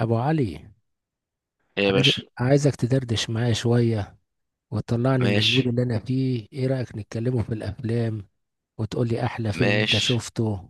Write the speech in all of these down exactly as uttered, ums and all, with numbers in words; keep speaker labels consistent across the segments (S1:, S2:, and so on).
S1: ابو علي،
S2: ايه يا
S1: عايز
S2: باشا.
S1: عايزك تدردش معايا شويه وتطلعني من المود
S2: ماشي.
S1: اللي انا فيه. ايه رايك نتكلموا في الافلام وتقول لي احلى فيلم انت
S2: ماشي.
S1: شفته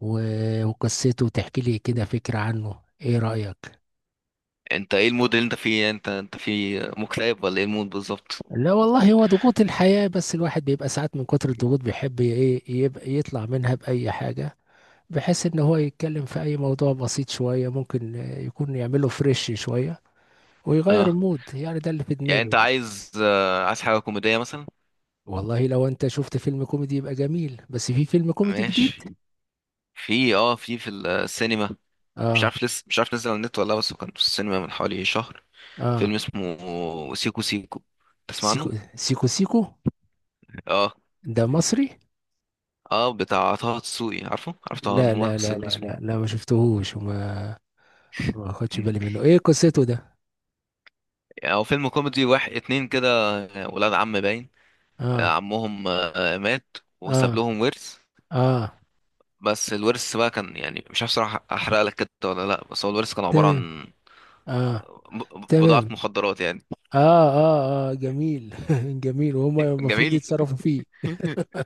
S1: و- وقصته وتحكي لي كده فكره عنه؟ ايه رايك؟
S2: انت ايه المود اللي انت فيه؟ انت انت في مكتئب ولا ايه المود بالظبط؟
S1: لا والله، هو ضغوط الحياه، بس الواحد بيبقى ساعات من كتر الضغوط بيحب ي- ايه يبقى يطلع منها باي حاجه. بحيث ان هو يتكلم في اي موضوع بسيط شويه ممكن آه، يكون يعمله فريش شويه ويغير
S2: اه.
S1: المود. يعني ده اللي في
S2: يعني انت
S1: دماغي.
S2: عايز، آه، عايز حاجه كوميديه مثلا؟
S1: والله لو انت شفت فيلم كوميدي يبقى جميل. بس في فيلم كوميدي جديد؟
S2: ماشي. في، اه في في السينما. مش
S1: اه.
S2: عارف لسه مش عارف نزل على النت ولا لا، بس هو كان في السينما من حوالي شهر. فيلم
S1: اه.
S2: اسمه سيكو سيكو، تسمع
S1: سيكو
S2: عنه؟
S1: سيكو سيكو؟
S2: اه.
S1: ده مصري؟
S2: اه، بتاع طه دسوقي، عارفه عارف طه
S1: لا لا لا
S2: الممثل
S1: لا لا
S2: اسمه؟
S1: لا، ما شفتهوش وما ما خدش
S2: مم.
S1: بالي منه. ايه قصته ده؟
S2: يعني هو فيلم كوميدي، واحد اتنين كده، ولاد عم باين. آه،
S1: اه.
S2: عمهم آه، مات وساب
S1: اه.
S2: لهم ورث.
S1: اه.
S2: بس الورث بقى كان، يعني مش عارف صراحة، احرق لك كده ولا لا، بس هو الورث كان عبارة
S1: تمام.
S2: عن
S1: اه.
S2: ب- بضاعة
S1: تمام.
S2: مخدرات يعني.
S1: اه. اه. اه جميل جميل. وهم المفروض
S2: جميل.
S1: يتصرفوا فيه.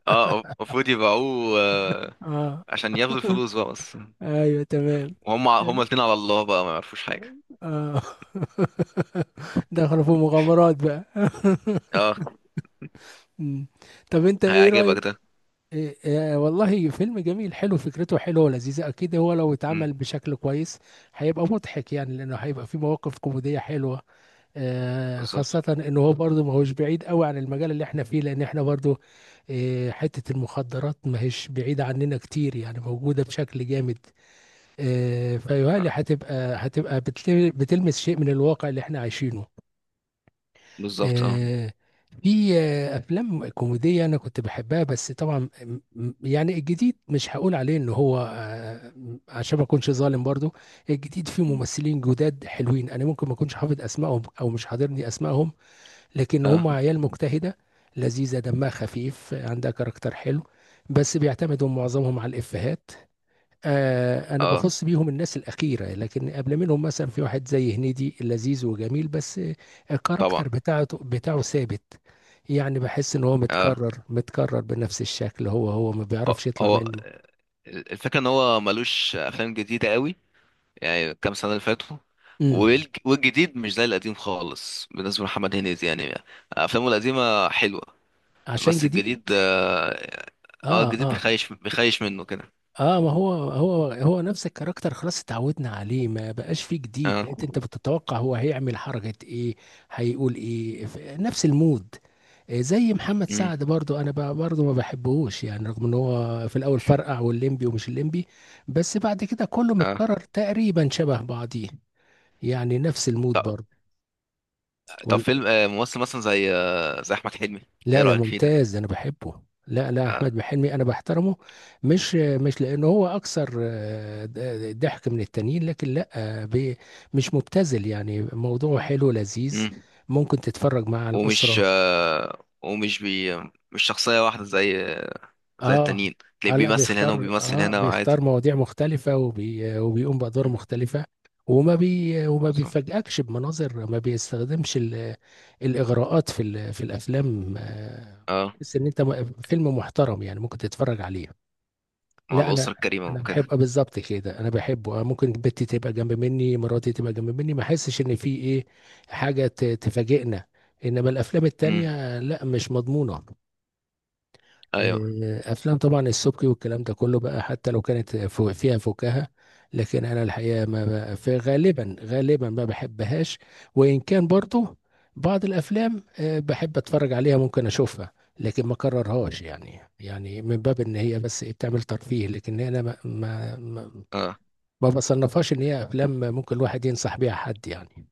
S2: اه، المفروض يبيعوه آه،
S1: اه
S2: عشان ياخدوا الفلوس بقى. بس
S1: ايوه تمام.
S2: وهم هما
S1: تمام.
S2: الاتنين على الله بقى، ما يعرفوش حاجة.
S1: اه دخلوا في مغامرات بقى
S2: اه،
S1: مم. طب انت ايه
S2: هيعجبك
S1: رأيك؟
S2: ده.
S1: إيه إيه والله فيلم جميل، حلو فكرته، حلوة ولذيذة. أكيد هو لو
S2: مم.
S1: اتعمل بشكل كويس هيبقى مضحك. يعني لأنه هيبقى فيه مواقف كوميدية حلوة. آه
S2: بالظبط
S1: خاصة إنه هو برضه ما هوش بعيد قوي عن المجال اللي إحنا فيه، لأن إحنا برضه آه حتة المخدرات ما هيش بعيدة عننا كتير، يعني موجودة بشكل جامد. آه فيهيألي
S2: آه،
S1: هتبقى هتبقى بتل- بتلمس شيء من الواقع اللي إحنا عايشينه.
S2: بالظبط. اه.
S1: آه، في آه، افلام كوميديه انا كنت بحبها. بس طبعا م- م- يعني الجديد مش هقول عليه ان هو آه، م- عشان ما اكونش ظالم برضو. الجديد فيه ممثلين جداد حلوين. انا ممكن ما اكونش حافظ اسمائهم او مش حاضرني اسمائهم، لكن
S2: اه.
S1: هم عيال مجتهده، لذيذه، دمها خفيف، عندها كاركتر حلو، بس بيعتمدوا معظمهم على الافيهات. آه انا
S2: اه.
S1: بخص بيهم الناس الاخيره. لكن قبل منهم مثلا في واحد زي هنيدي، لذيذ وجميل، بس آه، الكاركتر
S2: طبعا.
S1: بتاعته بتاعه ثابت. يعني بحس ان هو
S2: اه.
S1: متكرر متكرر بنفس الشكل. هو هو ما
S2: هو
S1: بيعرفش يطلع
S2: هو
S1: منه.
S2: الفكرة ان هو ملوش افلام جديدة قوي. يعني كام سنة اللي فاتوا،
S1: امم
S2: والج- والجديد مش زي القديم خالص بالنسبة لمحمد هنيدي. يعني أفلامه القديمة حلوة،
S1: عشان
S2: بس
S1: جديد.
S2: الجديد اه آه،
S1: اه
S2: الجديد
S1: اه
S2: بيخيش بيخيش منه كده.
S1: اه ما هو هو هو نفس الكاركتر، خلاص اتعودنا عليه، ما بقاش فيه جديد.
S2: اه.
S1: بقيت انت بتتوقع هو هيعمل حركة ايه، هيقول ايه ف- نفس المود. آه، زي محمد
S2: امم.
S1: سعد برضو انا ب- برضو ما بحبهوش يعني، رغم ان هو في الاول فرقع والليمبي ومش الليمبي، بس بعد كده كله
S2: اه.
S1: متكرر تقريبا شبه بعضيه، يعني نفس المود
S2: طب,
S1: برضو.
S2: طب فيلم، آه ممثل مثلا زي آه زي أحمد حلمي، ايه
S1: لا ده
S2: رأيك فيه ده؟
S1: ممتاز ده، انا بحبه. لا لا،
S2: آه.
S1: احمد حلمي انا بحترمه. مش مش لانه هو اكثر آه، د- د- ضحك من التانيين. لكن لا، آه، بي- مش مبتذل يعني، موضوع حلو لذيذ،
S2: امم
S1: ممكن تتفرج مع
S2: ومش
S1: الاسره.
S2: آه ومش بي مش شخصية واحدة، زي زي
S1: اه
S2: التانيين.
S1: اه،
S2: تلاقيه
S1: لا
S2: بيمثل هنا
S1: بيختار،
S2: وبيمثل
S1: اه
S2: هنا
S1: بيختار
S2: وعادي.
S1: مواضيع مختلفه، وبي وبيقوم بادوار
S2: مم.
S1: مختلفه، وما بي وما
S2: بالظبط.
S1: بيفاجئكش بمناظر. ما بيستخدمش ال- الاغراءات في ال- في الافلام. آه،
S2: اه،
S1: تحس ان انت م- فيلم محترم يعني ممكن تتفرج عليه.
S2: مع
S1: لا، انا
S2: الأسرة الكريمة
S1: انا
S2: وكده.
S1: بحب. آه بالظبط كده انا بحبه. آه، ممكن بنتي تبقى جنب مني، مراتي تبقى جنب مني، ما احسش ان في ايه حاجه ت- تفاجئنا. انما الافلام
S2: امم.
S1: التانية لا، مش مضمونه.
S2: ايوه.
S1: آه، افلام طبعا السبكي والكلام ده كله بقى، حتى لو كانت فو- فيها فكاهه. لكن انا الحقيقه ما بقى في غالبا غالبا ما بحبهاش. وان كان برضو بعض الافلام آه، بحب اتفرج عليها، ممكن اشوفها، لكن ما كررهاش. يعني يعني من باب ان هي بس إيه بتعمل ترفيه. لكن انا ما ما ما
S2: اه.
S1: ما بصنفهاش ان هي افلام ممكن الواحد ينصح بيها حد يعني.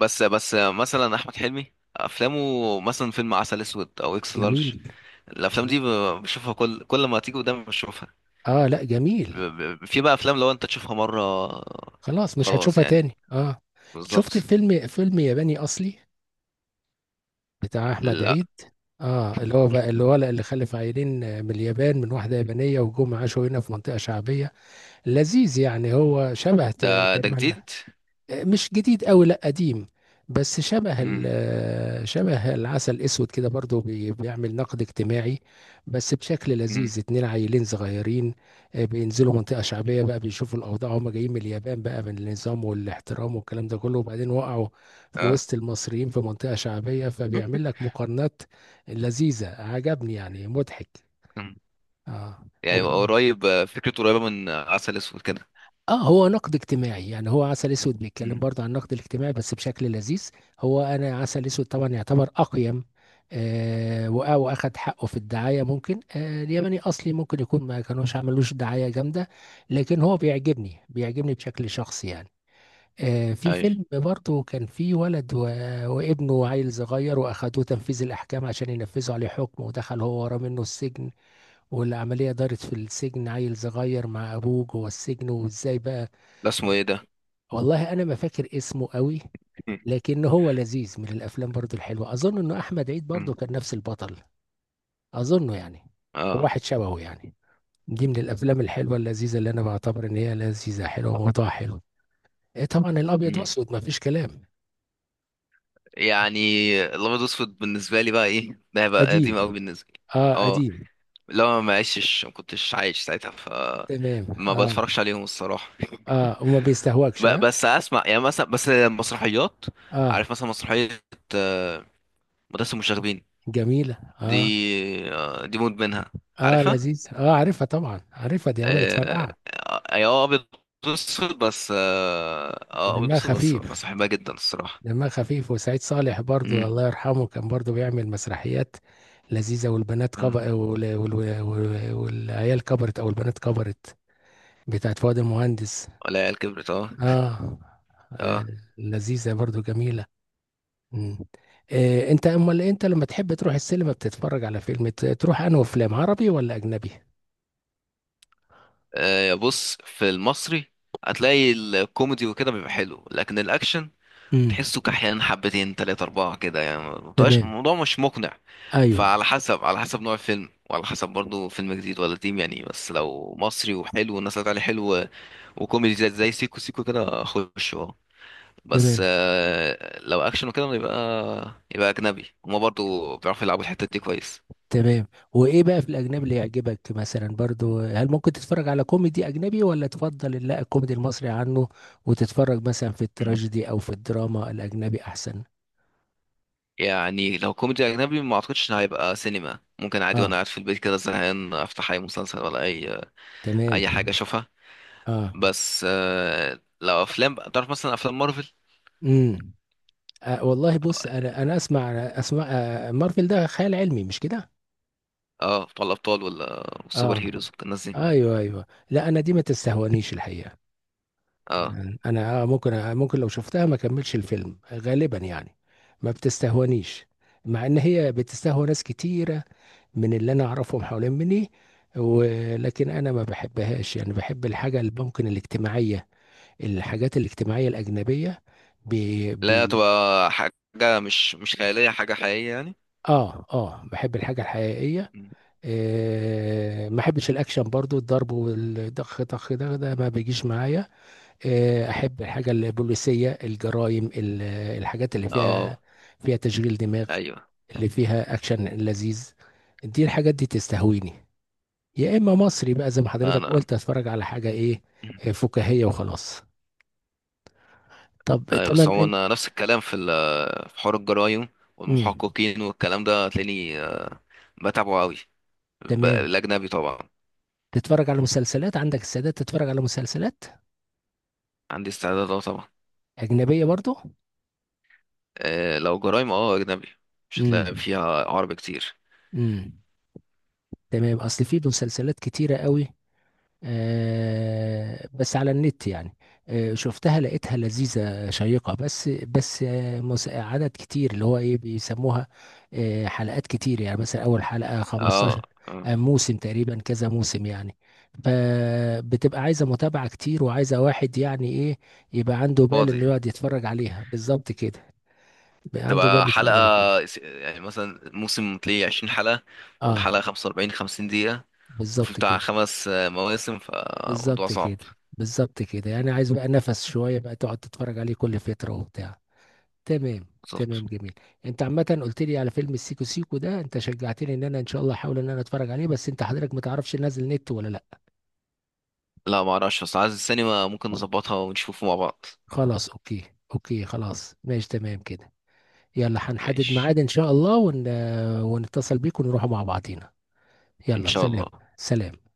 S2: بس بس مثلا احمد حلمي، افلامه مثلا فيلم عسل اسود او اكس
S1: جميل.
S2: لارج، الافلام دي ب- بشوفها كل كل ما تيجي قدامي بشوفها.
S1: اه لا
S2: ب-
S1: جميل.
S2: ب- في بقى افلام لو انت تشوفها مره،
S1: خلاص مش
S2: خلاص
S1: هتشوفها
S2: يعني.
S1: تاني. اه شفت
S2: بالظبط.
S1: فيلم فيلم ياباني اصلي بتاع احمد
S2: لا،
S1: عيد. اه اللي هو بقى الولد اللي خلف عيلين آه، من اليابان، من واحده يابانيه، وجم عاشوا هنا في منطقه شعبيه. لذيذ يعني، هو شبه ت-
S2: ده ده
S1: تقريبا.
S2: جديد.
S1: مش جديد قوي لا، قديم. بس شبه
S2: امم.
S1: ال- شبه العسل الاسود كده، برضو بي- بيعمل نقد اجتماعي بس بشكل
S2: امم.
S1: لذيذ. اتنين عيلين صغيرين. آه، بينزلوا منطقة شعبية بقى، بيشوفوا الأوضاع. هما جايين من اليابان بقى، من النظام والاحترام والكلام ده كله، وبعدين وقعوا في
S2: اه.
S1: وسط المصريين في منطقة شعبية، فبيعمل لك مقارنات لذيذة. عجبني يعني مضحك.
S2: مم.
S1: اه
S2: يعني قريب، آه، فكرته قريبه من آه، عسل اسود كده.
S1: اه هو نقد اجتماعي يعني. هو عسل اسود بيتكلم
S2: امم.
S1: برضه عن النقد الاجتماعي بس بشكل لذيذ. هو انا عسل اسود طبعا يعتبر اقيم. آه وأ- واخد حقه في الدعايه. ممكن آه الياباني اصلي ممكن يكون ما كانوش عملوش دعايه جامده. لكن هو بيعجبني بيعجبني بشكل شخصي يعني. آه في
S2: ايوه.
S1: فيلم برضه كان فيه ولد و... وابنه عيل صغير، واخدوه تنفيذ الاحكام عشان ينفذوا عليه حكم، ودخل هو وراه منه السجن. والعمليه دارت في السجن، عيل صغير مع ابوه جوه السجن وازاي بقى.
S2: ده اسمه ايه ده؟
S1: والله انا ما فاكر اسمه قوي.
S2: مم.
S1: لكن هو لذيذ، من الافلام برضو الحلوه. اظن انه احمد عيد برضو
S2: مم.
S1: كان نفس البطل، اظنه يعني، او
S2: اه.
S1: واحد شبهه يعني. دي من الافلام الحلوه اللذيذه اللي انا بعتبر ان هي لذيذه حلوه، وموضوعها حلو. إيه طبعا الابيض
S2: مم.
S1: واسود ما فيش كلام.
S2: يعني الابيض واسود بالنسبه لي بقى، ايه ده بقى قديم قوي
S1: قديم.
S2: بالنسبه لي.
S1: اه
S2: اه،
S1: قديم.
S2: لو ما عشتش، ما كنتش عايش ساعتها، ف
S1: تمام.
S2: ما
S1: اه
S2: بتفرجش عليهم الصراحة.
S1: اه وما بيستهواكش.
S2: ب-
S1: اه
S2: بس اسمع، يعني مثلا بس المسرحيات.
S1: اه
S2: عارف مثلا مسرحية آه، مدرسة المشاغبين
S1: جميله.
S2: دي؟
S1: اه
S2: آه، دي مود منها.
S1: اه
S2: عارفها؟
S1: لذيذ. اه عارفها طبعا عارفها، دي عملت
S2: آه،
S1: فرقعه.
S2: آه، اي، اه، ابيض واسود بس اه آه، ابيض
S1: دمها
S2: واسود، بس
S1: خفيف.
S2: بس بحبها جدا الصراحة.
S1: دمها خفيف وسعيد صالح برضو
S2: امم.
S1: الله يرحمه كان برضو بيعمل مسرحيات لذيذة. والبنات
S2: اه.
S1: كبر وال... وال... وال... والعيال كبرت أو البنات كبرت بتاعت فؤاد المهندس.
S2: ولا عيال كبرت؟ اه.
S1: آه آه،
S2: اه.
S1: لذيذة برضو جميلة. مم. آه، أنت أمال أنت لما تحب تروح السينما بتتفرج على فيلم ت- تروح أنه فيلم عربي ولا أجنبي؟
S2: آه، بص، في المصري هتلاقي الكوميدي وكده بيبقى حلو، لكن الاكشن
S1: امم.
S2: تحسه كحيان حبتين تلاتة أربعة كده يعني، ما بتبقاش-
S1: تمام.
S2: الموضوع مش مقنع.
S1: ايوه
S2: فعلى حسب على حسب نوع الفيلم، وعلى حسب برضو فيلم جديد ولا قديم يعني. بس لو مصري وحلو والناس طلعت عليه حلو، وكوميدي زي زي سيكو سيكو كده، أخش. أه بس
S1: تمام.
S2: آه، لو أكشن وكده، يبقى يبقى أجنبي، هما برضو بيعرفوا يلعبوا الحتة دي كويس.
S1: تمام. وايه بقى في الاجنبي اللي يعجبك مثلا برضو؟ هل ممكن تتفرج على كوميدي اجنبي، ولا تفضل لا الكوميدي المصري عنه؟ وتتفرج مثلا في
S2: مم.
S1: التراجيدي او في الدراما الاجنبي احسن؟
S2: يعني لو كوميدي أجنبي، ما أعتقدش إن هيبقى سينما. ممكن عادي وأنا
S1: اه
S2: قاعد في البيت كده زهقان أفتح أي مسلسل ولا أي
S1: تمام.
S2: أي حاجة أشوفها.
S1: اه.
S2: بس آه لو افلام بقى، تعرف مثلا افلام مارفل؟
S1: امم. آه والله بص، انا انا اسمع اسمع آه مارفل ده خيال علمي، مش كده؟
S2: اه، بتوع الابطال ولا السوبر
S1: اه.
S2: هيروز والناس دي.
S1: ايوه ايوه. لا انا دي ما تستهونيش الحقيقة.
S2: اه،
S1: انا ممكن ممكن لو شفتها ما كملش الفيلم غالبا يعني، ما بتستهونيش. مع ان هي بتستهوى ناس كتيرة من اللي انا اعرفهم حوالين مني. ولكن انا ما بحبهاش يعني، بحب الحاجة اللي ممكن الاجتماعية، الحاجات الاجتماعية الاجنبية. بي
S2: لا،
S1: بي
S2: تبقى حاجه مش مش خياليه، حاجه حقيقيه يعني.
S1: اه اه بحب الحاجة الحقيقية.
S2: مم.
S1: آه ما بحبش الاكشن برضو، الضرب والدخ طخ ده ده ما بيجيش معايا. آه، احب الحاجه البوليسيه، الجرائم، ال- الحاجات اللي فيها
S2: اه.
S1: فيها تشغيل دماغ،
S2: ايوه.
S1: اللي فيها اكشن لذيذ. دي الحاجات دي تستهويني. يا اما مصري بقى زي ما حضرتك
S2: انا.
S1: قلت، اتفرج على حاجه ايه
S2: مم.
S1: آه، فكاهيه وخلاص. طب
S2: ايوه، بس
S1: تمام.
S2: هو
S1: انت.
S2: انا نفس الكلام في ال- في حوار الجرايم
S1: مم.
S2: والمحققين والكلام ده، هتلاقيني آه، بتابعه قوي،
S1: تمام.
S2: الاجنبي طبعا.
S1: تتفرج على مسلسلات، عندك السادات، تتفرج على مسلسلات
S2: عندي استعداد، اه طبعا.
S1: اجنبيه برضو.
S2: آه لو جرايم، اه اجنبي، مش هتلاقي
S1: امم.
S2: فيها عربي كتير.
S1: امم. تمام، اصل في مسلسلات كتيره قوي. آه، بس على النت يعني. آه، شفتها لقيتها لذيذة شيقة، بس بس آه، مس- عدد كتير، اللي هو ايه بيسموها، آه، حلقات كتير. يعني مثلا اول حلقة
S2: اه
S1: خمسة عشر،
S2: آه،
S1: آه، موسم تقريبا، كذا موسم يعني. فبتبقى عايزة متابعة كتير، وعايزة واحد يعني ايه، يبقى عنده بال
S2: فاضي.
S1: انه يقعد يتفرج عليها بالظبط كده، يبقى عنده
S2: تبقى
S1: بال يتفرج
S2: حلقة،
S1: عليها.
S2: س- يعني مثلا موسم تلاقيه عشرين حلقة، ولا حلقة
S1: اه
S2: خمسة وأربعين، خمسين دقيقة، في
S1: بالظبط
S2: بتاع
S1: كده.
S2: خمس آه، مواسم، فموضوع
S1: بالظبط
S2: صعب.
S1: كده. بالظبط كده يعني، عايز بقى نفس شوية بقى تقعد تتفرج عليه كل فترة وبتاع. تمام.
S2: بالظبط.
S1: تمام جميل. انت عامه قلت لي على فيلم السيكو سيكو ده، انت شجعتني ان انا ان شاء الله احاول ان انا اتفرج عليه، بس انت حضرتك ما تعرفش نازل نت ولا لا.
S2: لا ما اعرفش، بس عايز السينما ممكن نظبطها ونشوفه مع بعض.
S1: خلاص اوكي. اوكي خلاص ماشي تمام كده. يلا هنحدد
S2: ماشي.
S1: ميعاد ان شاء الله، ون... ونتصل بيك ونروح مع بعضينا.
S2: ان
S1: يلا
S2: شاء
S1: سلام.
S2: الله.
S1: سلام.